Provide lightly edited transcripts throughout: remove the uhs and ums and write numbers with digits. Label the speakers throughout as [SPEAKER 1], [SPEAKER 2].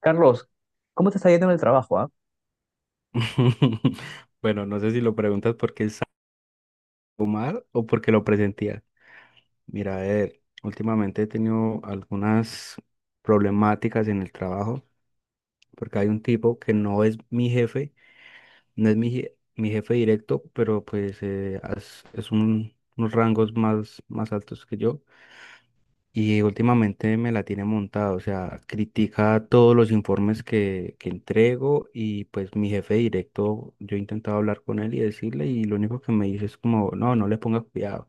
[SPEAKER 1] Carlos, ¿cómo te está yendo en el trabajo, ah?
[SPEAKER 2] Bueno, no sé si lo preguntas porque es algo mal o porque lo presentía. Mira, a ver, últimamente he tenido algunas problemáticas en el trabajo porque hay un tipo que no es mi jefe, no es mi jefe directo, pero pues es, unos rangos más altos que yo. Y últimamente me la tiene montada, o sea, critica todos los informes que entrego y pues mi jefe directo, yo he intentado hablar con él y decirle, y lo único que me dice es como, no, no le ponga cuidado,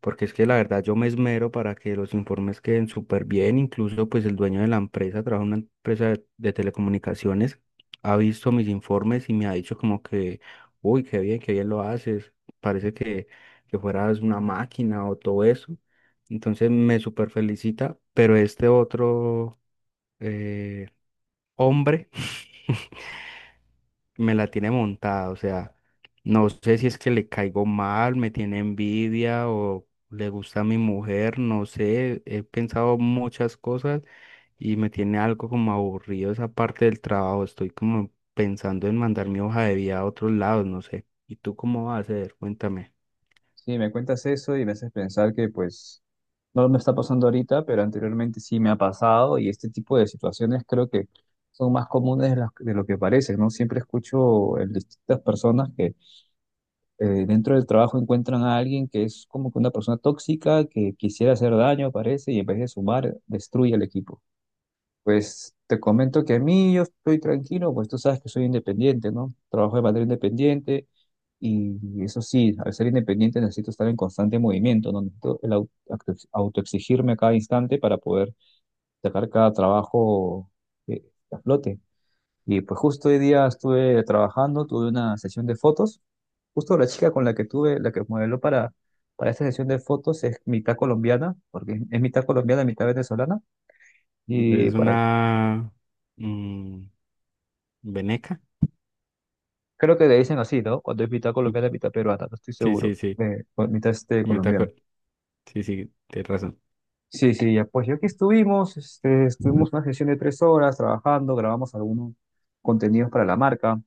[SPEAKER 2] porque es que la verdad yo me esmero para que los informes queden súper bien. Incluso pues el dueño de la empresa, trabaja en una empresa de telecomunicaciones, ha visto mis informes y me ha dicho como que, uy, qué bien lo haces, parece que fueras una máquina o todo eso. Entonces me súper felicita, pero este otro eh, hombre me la tiene montada, o sea, no sé si es que le caigo mal, me tiene envidia o le gusta a mi mujer, no sé, he pensado muchas cosas y me tiene algo como aburrido esa parte del trabajo, estoy como pensando en mandar mi hoja de vida a otros lados, no sé. ¿Y tú cómo vas a hacer? Cuéntame.
[SPEAKER 1] Sí, me cuentas eso y me haces pensar que pues no me está pasando ahorita, pero anteriormente sí me ha pasado y este tipo de situaciones creo que son más comunes de lo que parece, ¿no? Siempre escucho en distintas personas que dentro del trabajo encuentran a alguien que es como que una persona tóxica, que quisiera hacer daño, parece, y en vez de sumar, destruye el equipo. Pues te comento que a mí yo estoy tranquilo, pues tú sabes que soy independiente, ¿no? Trabajo de manera independiente y eso sí, al ser independiente necesito estar en constante movimiento, ¿no? Necesito autoexigirme a cada instante para poder sacar cada trabajo eh, a flote. Y pues justo hoy día estuve trabajando, tuve una sesión de fotos. Justo la chica con la que tuve, la que modeló para esta sesión de fotos es mitad colombiana, porque es mitad colombiana, mitad venezolana. Y
[SPEAKER 2] Es
[SPEAKER 1] para
[SPEAKER 2] una mm, veneca.
[SPEAKER 1] creo que le dicen así, ¿no? Cuando es mitad colombiana, mitad peruana, no estoy
[SPEAKER 2] Sí,
[SPEAKER 1] seguro.
[SPEAKER 2] sí, sí,
[SPEAKER 1] O mitad este,
[SPEAKER 2] me está
[SPEAKER 1] colombiana.
[SPEAKER 2] acuer- sí, sí, tienes razón.
[SPEAKER 1] Sí, sí, ya pues ya aquí estuvimos, este, estuvimos una sesión de tres horas trabajando, grabamos algunos contenidos para la marca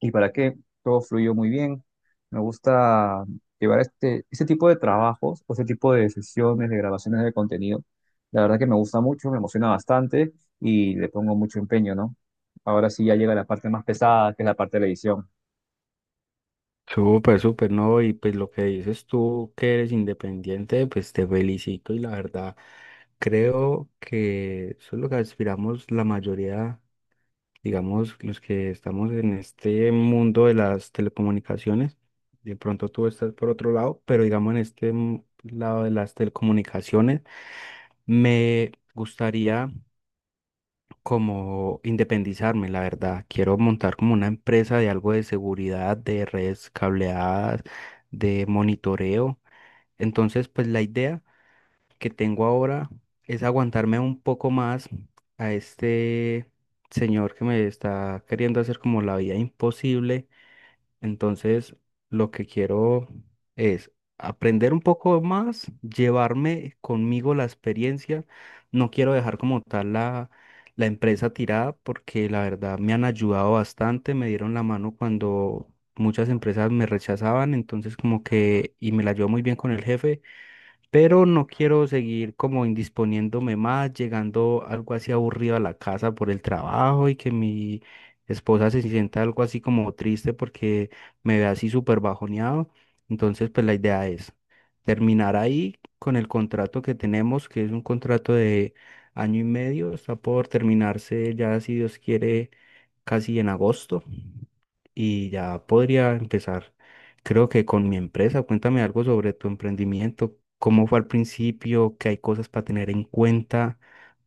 [SPEAKER 1] y para qué, todo fluyó muy bien. Me gusta llevar este tipo de trabajos o este tipo de sesiones de grabaciones de contenido. La verdad que me gusta mucho, me emociona bastante y le pongo mucho empeño, ¿no? Ahora sí ya llega la parte más pesada, que es la parte de la edición.
[SPEAKER 2] Súper, súper, ¿no? Y pues lo que dices tú que eres independiente, pues te felicito, y la verdad creo que eso es lo que aspiramos la mayoría, digamos, los que estamos en este mundo de las telecomunicaciones. De pronto tú estás por otro lado, pero digamos en este lado de las telecomunicaciones, me gustaría como independizarme, la verdad. Quiero montar como una empresa de algo de seguridad, de redes cableadas, de monitoreo. Entonces, pues la idea que tengo ahora es aguantarme un poco más a este señor que me está queriendo hacer como la vida imposible. Entonces, lo que quiero es aprender un poco más, llevarme conmigo la experiencia. No quiero dejar como tal la empresa tirada porque la verdad me han ayudado bastante, me dieron la mano cuando muchas empresas me rechazaban, entonces como que, y me la llevo muy bien con el jefe, pero no quiero seguir como indisponiéndome más, llegando algo así aburrido a la casa por el trabajo y que mi esposa se sienta algo así como triste porque me ve así súper bajoneado. Entonces, pues la idea es terminar ahí con el contrato que tenemos, que es un contrato de año y medio, está por terminarse ya, si Dios quiere casi en agosto, y ya podría empezar, creo que con mi empresa. Cuéntame algo sobre tu emprendimiento, cómo fue al principio, qué hay cosas para tener en cuenta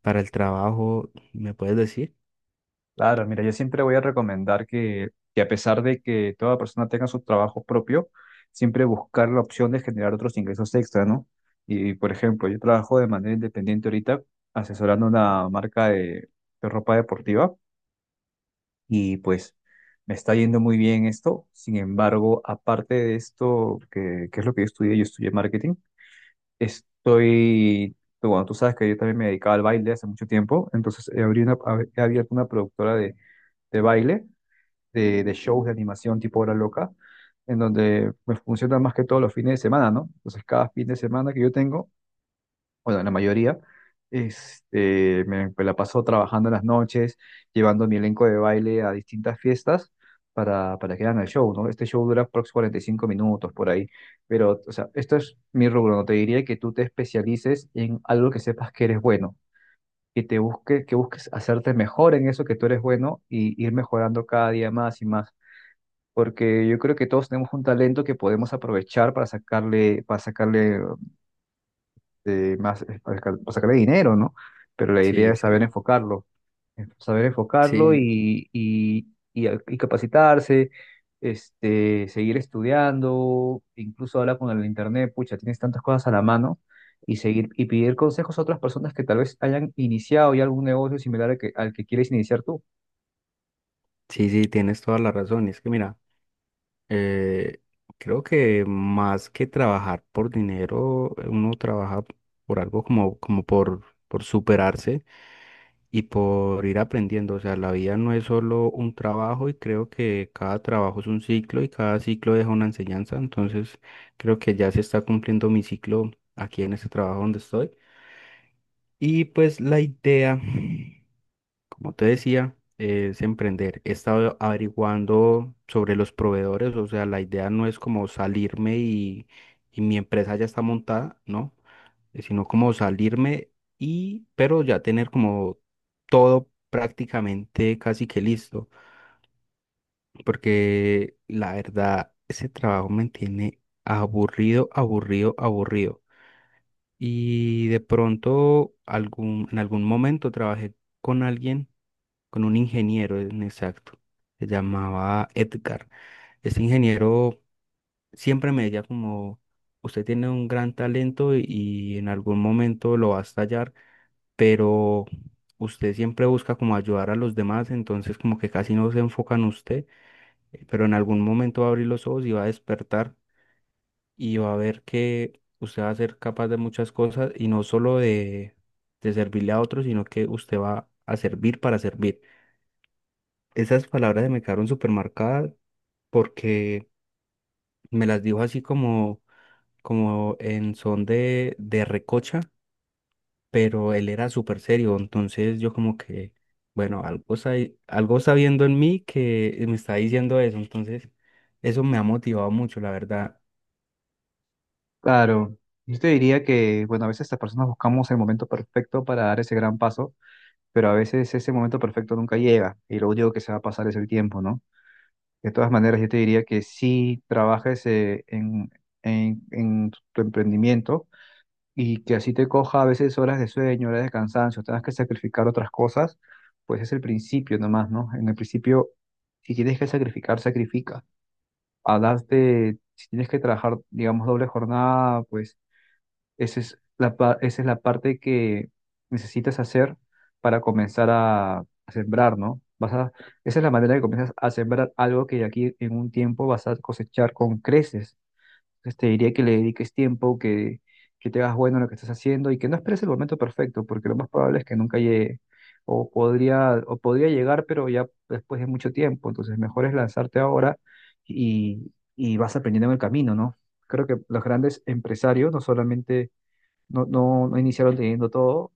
[SPEAKER 2] para el trabajo, ¿me puedes decir?
[SPEAKER 1] Claro, mira, yo siempre voy a recomendar que a pesar de que toda persona tenga su trabajo propio, siempre buscar la opción de generar otros ingresos extra, ¿no? Y, por ejemplo, yo trabajo de manera independiente ahorita asesorando una marca de ropa deportiva y pues me está yendo muy bien esto. Sin embargo, aparte de esto, que es lo que yo estudié marketing, estoy, bueno, tú sabes que yo también me dedicaba al baile hace mucho tiempo, entonces he abierto una productora de baile de shows de animación tipo Hora Loca, en donde me funciona más que todo los fines de semana, ¿no? Entonces, cada fin de semana que yo tengo, bueno, la mayoría, este, me la paso trabajando en las noches, llevando mi elenco de baile a distintas fiestas para que hagan el show, ¿no? Este show dura aproximadamente 45 minutos por ahí, pero, o sea, esto es mi rubro, no te diría que tú te especialices en algo que sepas que eres bueno. Que te busques, que busques hacerte mejor en eso que tú eres bueno y ir mejorando cada día más y más porque yo creo que todos tenemos un talento que podemos aprovechar para sacarle, para sacarle dinero, ¿no? Pero la idea
[SPEAKER 2] Sí,
[SPEAKER 1] es
[SPEAKER 2] sí.
[SPEAKER 1] saber enfocarlo
[SPEAKER 2] Sí,
[SPEAKER 1] y capacitarse, este, seguir estudiando, incluso hablar con el internet, pucha, tienes tantas cosas a la mano. Y seguir y pedir consejos a otras personas que tal vez hayan iniciado ya algún negocio similar al que quieres iniciar tú.
[SPEAKER 2] sí, sí, tienes toda la razón. Es que mira, Eh, creo que más que trabajar por dinero, uno trabaja por algo como, como por superarse y por ir aprendiendo. O sea, la vida no es solo un trabajo, y creo que cada trabajo es un ciclo y cada ciclo deja una enseñanza. Entonces, creo que ya se está cumpliendo mi ciclo aquí en este trabajo donde estoy. Y pues la idea, como te decía, es emprender. He estado averiguando sobre los proveedores, o sea, la idea no es como salirme y mi empresa ya está montada, ¿no? Sino como salirme y, pero ya tener como todo prácticamente casi que listo, porque la verdad, ese trabajo me tiene aburrido, aburrido, aburrido. Y de pronto, en algún momento trabajé con alguien, con un ingeniero en exacto, se llamaba Edgar. Ese ingeniero siempre me decía como, usted tiene un gran talento y en algún momento lo va a estallar, pero usted siempre busca como ayudar a los demás, entonces como que casi no se enfoca en usted, pero en algún momento va a abrir los ojos y va a despertar y va a ver que usted va a ser capaz de muchas cosas y no solo de servirle a otros, sino que usted va a servir para servir. Esas palabras se me quedaron súper marcadas porque me las dijo así como, como en son de recocha, pero él era súper serio, entonces yo como que, bueno, algo está viendo en mí que me está diciendo eso, entonces eso me ha motivado mucho, la verdad.
[SPEAKER 1] Claro, yo te diría que, bueno, a veces las personas buscamos el momento perfecto para dar ese gran paso, pero a veces ese momento perfecto nunca llega y lo único que se va a pasar es el tiempo, ¿no? De todas maneras, yo te diría que sí trabajes en tu emprendimiento y que así te coja a veces horas de sueño, horas de cansancio, tengas que sacrificar otras cosas, pues es el principio nomás, ¿no? En el principio, si tienes que sacrificar, sacrifica. Hablaste, si tienes que trabajar, digamos, doble jornada, pues esa es esa es la parte que necesitas hacer para comenzar a sembrar, ¿no? Vas a, esa es la manera que comienzas a sembrar algo que de aquí en un tiempo vas a cosechar con creces. Entonces te diría que le dediques tiempo, que te hagas bueno en lo que estás haciendo y que no esperes el momento perfecto, porque lo más probable es que nunca llegue. O podría llegar, pero ya después de mucho tiempo. Entonces, mejor es lanzarte ahora y vas aprendiendo en el camino, ¿no? Creo que los grandes empresarios no solamente no iniciaron leyendo todo,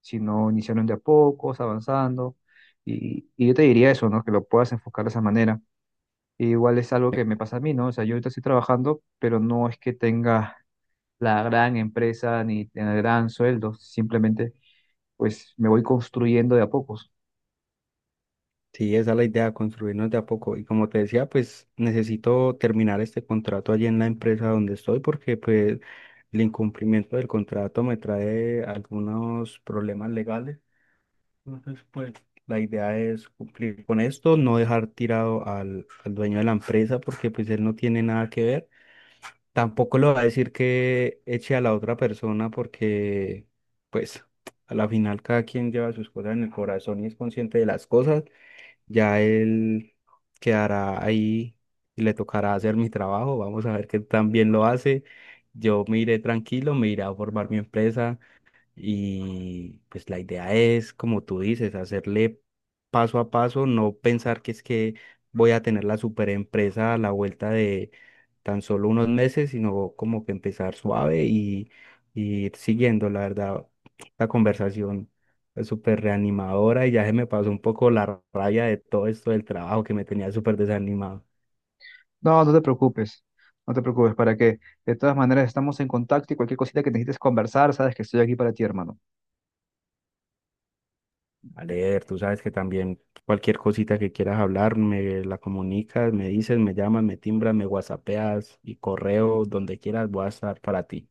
[SPEAKER 1] sino iniciaron de a pocos, avanzando. Y yo te diría eso, ¿no? Que lo puedas enfocar de esa manera. E igual es algo
[SPEAKER 2] Eh,
[SPEAKER 1] que me pasa a mí, ¿no? O sea, yo ahorita estoy trabajando, pero no es que tenga la gran empresa ni el gran sueldo. Simplemente, pues, me voy construyendo de a pocos.
[SPEAKER 2] Sí, esa es la idea, construirnos de a poco. Y como te decía, pues necesito terminar este contrato allí en la empresa donde estoy, porque pues el incumplimiento del contrato me trae algunos problemas legales. Entonces, pues la idea es cumplir con esto, no dejar tirado al dueño de la empresa porque pues él no tiene nada que ver. Tampoco le va a decir que eche a la otra persona, porque pues a la final cada quien lleva sus cosas en el corazón y es consciente de las cosas. Ya él quedará ahí y le tocará hacer mi trabajo. Vamos a ver qué tan bien lo hace. Yo me iré tranquilo, me iré a formar mi empresa, y pues la idea es, como tú dices, hacerle paso a paso, no pensar que es que voy a tener la super empresa a la vuelta de tan solo unos meses, sino como que empezar suave y ir siguiendo. La verdad, la conversación es súper reanimadora y ya se me pasó un poco la rabia de todo esto del trabajo que me tenía súper desanimado.
[SPEAKER 1] No, no te preocupes. No te preocupes, para que de todas maneras estamos en contacto y cualquier cosita que necesites conversar, sabes que estoy aquí para ti, hermano.
[SPEAKER 2] A leer. Tú sabes que también cualquier cosita que quieras hablar, me la comunicas, me dices, me llamas, me timbras, me whatsappeas y correo, donde quieras, voy a estar para ti.